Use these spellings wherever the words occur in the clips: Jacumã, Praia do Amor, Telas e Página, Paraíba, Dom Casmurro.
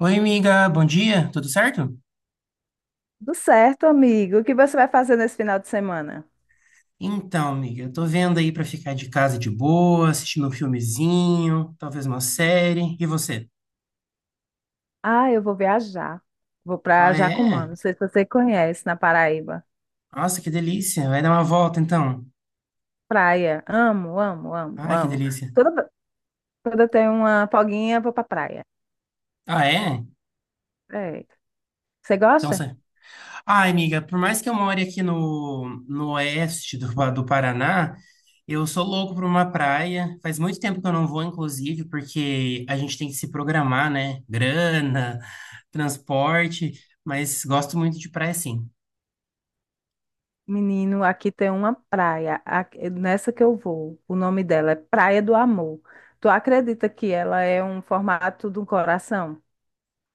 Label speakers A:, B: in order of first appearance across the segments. A: Oi, amiga, bom dia, tudo certo?
B: Tudo certo, amigo. O que você vai fazer nesse final de semana?
A: Então, amiga, eu tô vendo aí pra ficar de casa de boa, assistindo um filmezinho, talvez uma série. E você?
B: Ah, eu vou viajar. Vou pra
A: Ah,
B: Jacumã.
A: é?
B: Não sei se você conhece, na Paraíba.
A: Nossa, que delícia. Vai dar uma volta então.
B: Praia. Amo, amo, amo,
A: Ah, que
B: amo.
A: delícia.
B: Toda, toda eu tenho uma folguinha, vou pra praia.
A: Ah, é?
B: É. Você
A: Então,
B: gosta?
A: você. Ai, amiga, por mais que eu more aqui no oeste do, do Paraná, eu sou louco por uma praia. Faz muito tempo que eu não vou, inclusive, porque a gente tem que se programar, né? Grana, transporte, mas gosto muito de praia, sim.
B: Menino, aqui tem uma praia, nessa que eu vou. O nome dela é Praia do Amor. Tu acredita que ela é um formato de um coração?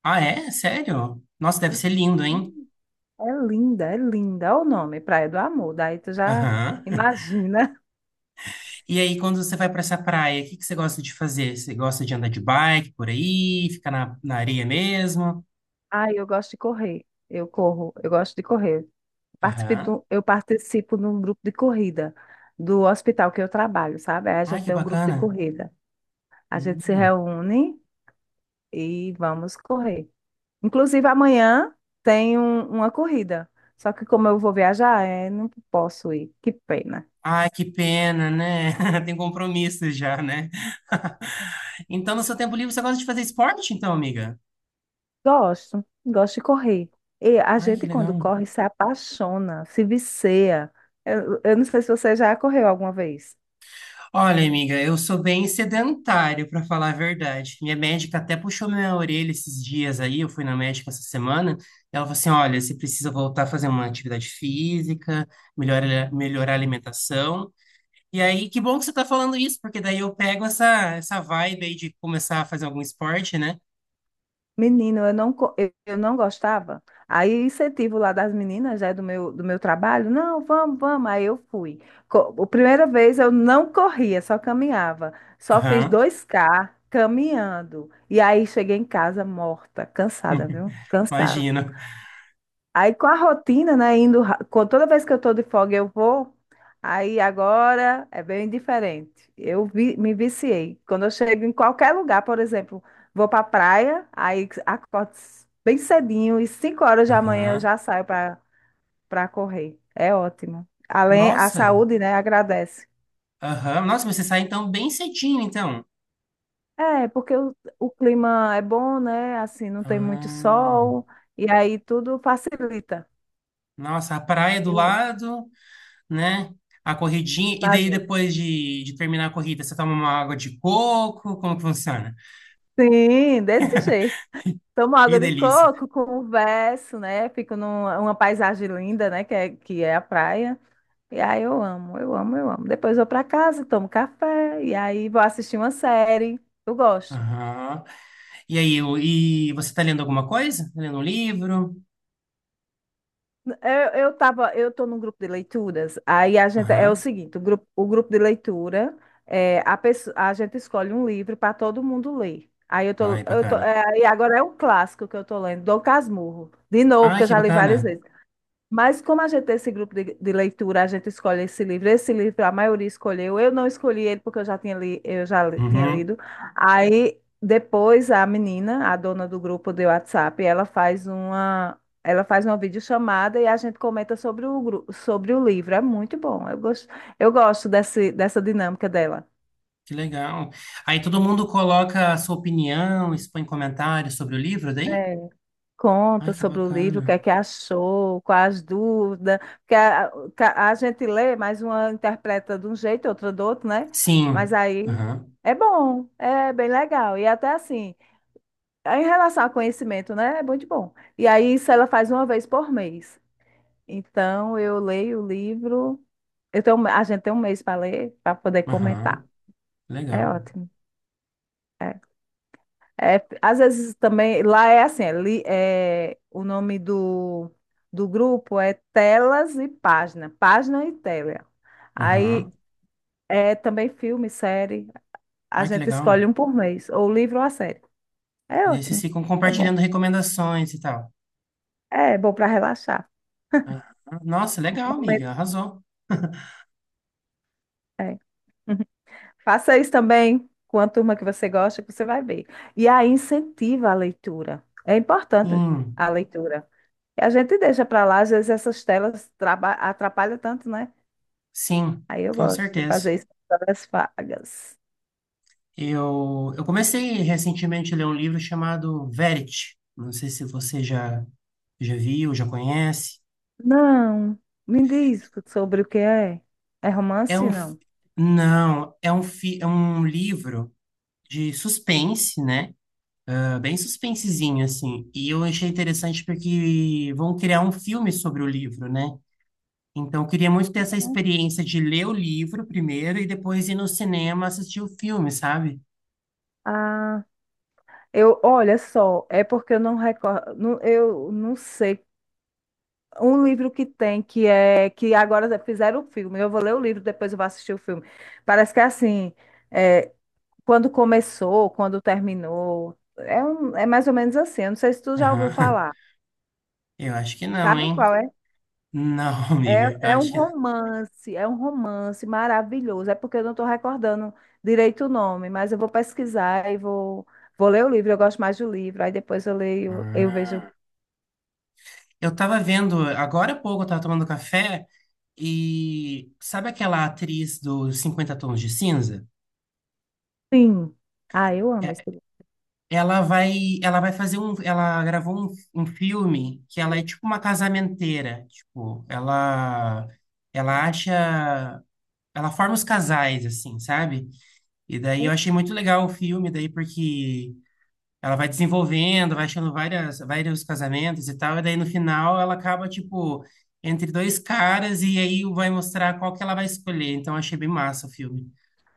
A: Ah, é? Sério? Nossa, deve ser lindo, hein?
B: Hum. É linda, é linda. Olha o nome, Praia do Amor. Daí tu já
A: Aham.
B: imagina.
A: E aí, quando você vai para essa praia, o que que você gosta de fazer? Você gosta de andar de bike por aí, ficar na areia mesmo?
B: Ah, eu gosto de correr. Eu corro, eu gosto de correr.
A: Aham.
B: Eu participo de um grupo de corrida do hospital que eu trabalho, sabe? Aí a
A: Ai,
B: gente
A: que
B: tem um grupo de
A: bacana.
B: corrida. A gente se
A: Hum.
B: reúne e vamos correr. Inclusive, amanhã tem uma corrida. Só que como eu vou viajar, não posso ir. Que pena.
A: Ai, que pena, né? Tem compromisso já, né? Então, no seu tempo livre, você gosta de fazer esporte, então, amiga?
B: Gosto, gosto de correr. E a
A: Ai, que
B: gente, quando
A: legal.
B: corre, se apaixona, se vicia. Eu não sei se você já correu alguma vez.
A: Olha, amiga, eu sou bem sedentário, para falar a verdade. Minha médica até puxou minha orelha esses dias aí, eu fui na médica essa semana, e ela falou assim: olha, você precisa voltar a fazer uma atividade física, melhorar a alimentação. E aí, que bom que você tá falando isso, porque daí eu pego essa vibe aí de começar a fazer algum esporte, né?
B: Menino, eu não gostava. Aí o incentivo lá das meninas, né, do meu trabalho, não, vamos, vamos. Aí eu fui. A primeira vez eu não corria, só caminhava. Só fiz
A: Aham.
B: 2 km caminhando. E aí cheguei em casa morta, cansada, viu? Cansada.
A: Imagino.
B: Aí com a rotina, né, indo, com toda vez que eu tô de folga eu vou, aí agora é bem diferente. Me viciei. Quando eu chego em qualquer lugar, por exemplo, vou pra praia, aí acordo bem cedinho e 5 horas da manhã eu
A: Aham.
B: já saio para correr. É ótimo. Além, a
A: Nossa.
B: saúde, né, agradece.
A: Aham. Nossa, mas você sai então bem cedinho, então.
B: É, porque o clima é bom, né, assim, não tem muito
A: Ah.
B: sol, e aí tudo facilita.
A: Nossa, a praia do
B: Eu
A: lado, né? A corridinha. E daí,
B: imagino.
A: depois de terminar a corrida, você toma uma água de coco? Como que funciona?
B: Sim, desse jeito. Tomo
A: Que
B: água de
A: delícia.
B: coco, converso, né? Fico numa uma paisagem linda, né? Que é a praia. E aí eu amo, eu amo, eu amo. Depois vou para casa, tomo café, e aí vou assistir uma série. Eu gosto.
A: Aham. E aí, e você tá lendo alguma coisa? Tá lendo um livro?
B: Eu tô num grupo de leituras, aí a gente, é o
A: Aham.
B: seguinte, o grupo de leitura, a gente escolhe um livro para todo mundo ler. Aí
A: Ai,
B: eu tô,
A: bacana.
B: é, e agora é um clássico que eu tô lendo, Dom Casmurro, de novo,
A: Ai,
B: que eu
A: que
B: já li várias
A: bacana.
B: vezes. Mas como a gente tem esse grupo de leitura, a gente escolhe esse livro. Esse livro a maioria escolheu. Eu não escolhi ele porque eu já tinha, li, eu já li- tinha
A: Uhum.
B: lido. Aí depois a menina, a dona do grupo de WhatsApp, ela faz uma videochamada e a gente comenta sobre o livro. É muito bom. Eu gosto dessa dinâmica dela.
A: Que legal. Aí todo mundo coloca a sua opinião, expõe comentários sobre o livro daí? Ai,
B: Conta
A: que
B: sobre o livro, o que
A: bacana.
B: é que achou, quais as dúvidas, porque a gente lê, mas uma interpreta de um jeito, outra do outro, né? Mas
A: Sim.
B: aí
A: Aham.
B: é bom, é bem legal. E até assim, em relação ao conhecimento, né? É muito bom. E aí isso ela faz uma vez por mês. Então eu leio o livro, a gente tem um mês para ler, para poder comentar.
A: Aham.
B: É
A: Legal.
B: ótimo. é É, às vezes também, lá é assim, o nome do grupo é Telas e Página, Página e Tela.
A: Aham.
B: Aí é também filme, série, a
A: Ai, que
B: gente
A: legal.
B: escolhe um por mês, ou livro ou a série.
A: E
B: É
A: daí vocês
B: ótimo,
A: ficam
B: é bom.
A: compartilhando recomendações e tal.
B: É, bom para relaxar.
A: Aham. Nossa, legal, amiga.
B: Momento-
A: Arrasou.
B: é. Faça isso também com a turma que você gosta, que você vai ver. E aí incentiva a leitura. É importante
A: Sim,
B: a leitura. E a gente deixa para lá, às vezes essas telas atrapalham tanto, né?
A: sim,
B: Aí eu
A: com
B: gosto de
A: certeza.
B: fazer isso nas horas vagas.
A: Eu comecei recentemente a ler um livro chamado Verity. Não sei se você já, já viu, já conhece.
B: Não, me diz sobre o que é. É
A: É
B: romance,
A: um, fi-
B: não?
A: não, é um, fi, é um livro de suspense, né? É bem suspensezinho, assim. E eu achei interessante porque vão criar um filme sobre o livro, né? Então, eu queria muito ter essa experiência de ler o livro primeiro e depois ir no cinema assistir o filme, sabe?
B: Ah, olha só, é porque eu não recordo, eu não sei. Um livro que tem, que é, que agora fizeram o filme, eu vou ler o livro, depois eu vou assistir o filme. Parece que é assim, é, quando começou, quando terminou, é mais ou menos assim, eu não sei se tu já ouviu
A: Aham.
B: falar.
A: Eu acho que não,
B: Sabe
A: hein?
B: qual é?
A: Não,
B: É,
A: amiga, eu
B: é um
A: acho que.
B: romance, é um romance maravilhoso. É porque eu não estou recordando direito o nome, mas eu vou pesquisar e vou, ler o livro. Eu gosto mais do livro. Aí depois eu leio, eu vejo
A: Ah. Eu tava vendo, agora há pouco eu tava tomando café e. Sabe aquela atriz dos 50 Tons de Cinza?
B: Sim. Ah, eu amo esse livro.
A: Ela vai, ela vai fazer um, ela gravou um, um filme que ela é tipo uma casamenteira, tipo, ela ela acha, ela forma os casais assim, sabe? E daí eu achei muito legal o filme daí porque ela vai desenvolvendo, vai achando várias vários casamentos e tal, e daí no final ela acaba tipo entre dois caras e aí vai mostrar qual que ela vai escolher. Então eu achei bem massa o filme.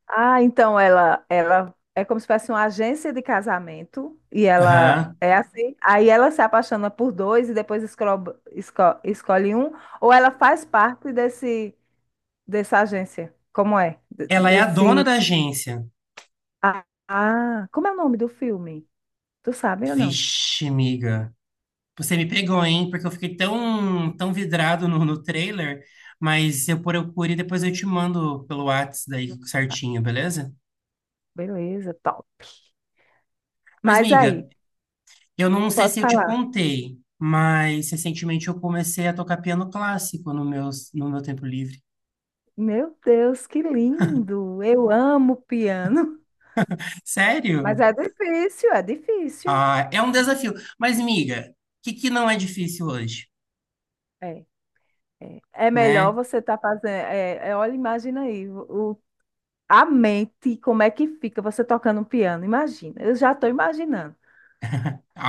B: Ah, então ela é como se fosse uma agência de casamento e ela
A: Aham.
B: é assim. Aí ela se apaixona por dois e depois escolhe um. Ou ela faz parte desse dessa agência? Como é? De-
A: Ela é a dona
B: Desse
A: da agência.
B: Ah, ah, como é o nome do filme? Tu sabe ou não?
A: Vixe, amiga. Você me pegou, hein? Porque eu fiquei tão vidrado no trailer, mas eu procuro e depois eu te mando pelo Whats
B: Não
A: daí
B: sabe.
A: certinho, beleza?
B: Beleza, top.
A: Mas,
B: Mas aí,
A: miga, eu não sei
B: pode
A: se eu te
B: falar.
A: contei, mas recentemente eu comecei a tocar piano clássico no meu, no meu tempo livre.
B: Meu Deus, que lindo! Eu amo piano.
A: Sério?
B: Mas é difícil, é difícil.
A: Ah, é um desafio. Mas, miga, o que que não é difícil hoje,
B: É, é. É melhor
A: né?
B: você estar fazendo. É, é, olha, imagina aí, a mente, como é que fica você tocando um piano? Imagina, eu já estou imaginando.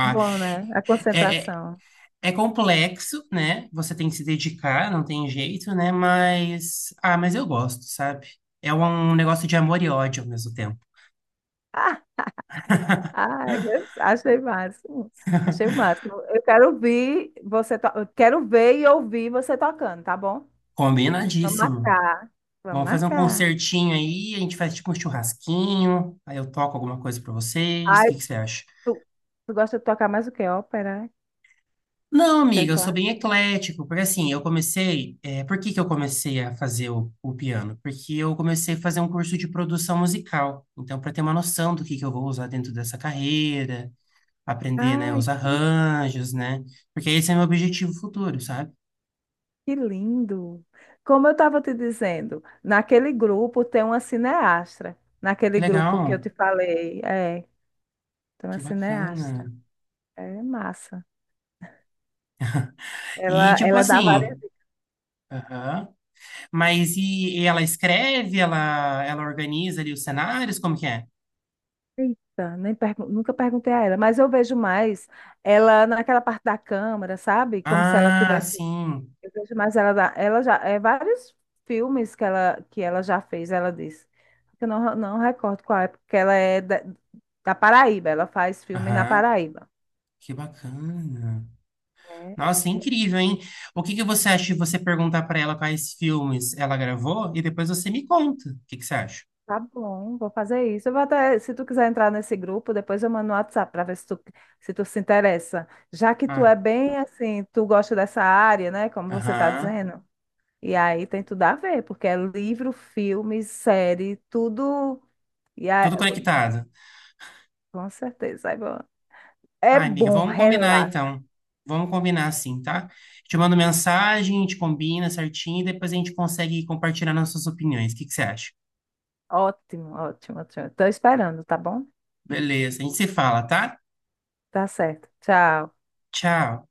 B: É bom, né? A
A: é, é,
B: concentração.
A: É, complexo, né? Você tem que se dedicar, não tem jeito, né? Mas, ah, mas eu gosto, sabe? É um um negócio de amor e ódio ao mesmo tempo.
B: Ai, achei máximo. Achei o máximo. Eu quero ouvir você, eu quero ver e ouvir você tocando, tá bom? Vamos
A: Combinadíssimo.
B: marcar. Vamos
A: Vamos fazer um
B: marcar.
A: concertinho aí, a gente faz tipo um churrasquinho, aí eu toco alguma coisa pra vocês. O
B: Ai,
A: que que você acha?
B: tu, tu gosta de tocar mais o que? Ópera?
A: Não, amiga, eu sou
B: Teclado?
A: bem eclético, porque assim, eu comecei. Por que que eu comecei a fazer o piano? Porque eu comecei a fazer um curso de produção musical. Então, para ter uma noção do que eu vou usar dentro dessa carreira aprender, né,
B: Ai,
A: os
B: que,
A: arranjos, né? Porque esse é meu objetivo futuro, sabe?
B: que lindo! Como eu estava te dizendo, naquele grupo tem uma cineastra.
A: Que
B: Naquele grupo que eu
A: legal,
B: te falei, tem uma
A: que
B: cineastra.
A: bacana.
B: É massa.
A: E
B: Ela,
A: tipo
B: ela dá várias.
A: assim, aham. Mas e ela escreve, ela ela organiza ali os cenários, como que é?
B: Eita, nem nunca perguntei a ela, mas eu vejo mais ela naquela parte da câmara, sabe? Como se ela
A: Ah,
B: tivesse.
A: sim.
B: Eu vejo mais ela ela já é vários filmes que ela já fez, ela disse. Eu não recordo qual é, porque ela é da Paraíba, ela faz filme na
A: Aham.
B: Paraíba.
A: Que bacana.
B: É,
A: Nossa,
B: é,
A: incrível, hein? O que que você acha de você perguntar pra ela quais filmes ela gravou e depois você me conta? O que que você acha?
B: tá bom, vou fazer isso. Eu vou até, se tu quiser entrar nesse grupo, depois eu mando no WhatsApp para ver se tu se interessa. Já que tu é
A: Ah,
B: bem assim, tu gosta dessa área, né? Como você está
A: aham.
B: dizendo. E aí tem tudo a ver, porque é livro, filme, série, tudo. E aí,
A: Tudo conectado.
B: com certeza. É
A: Ai, amiga,
B: bom,
A: vamos combinar
B: relaxa.
A: então. Vamos combinar assim, tá? Te mando mensagem, a gente combina certinho e depois a gente consegue compartilhar nossas opiniões. O que que você acha?
B: Ótimo, ótimo, ótimo. Estou esperando, tá bom?
A: Beleza, a gente se fala, tá?
B: Tá certo. Tchau.
A: Tchau.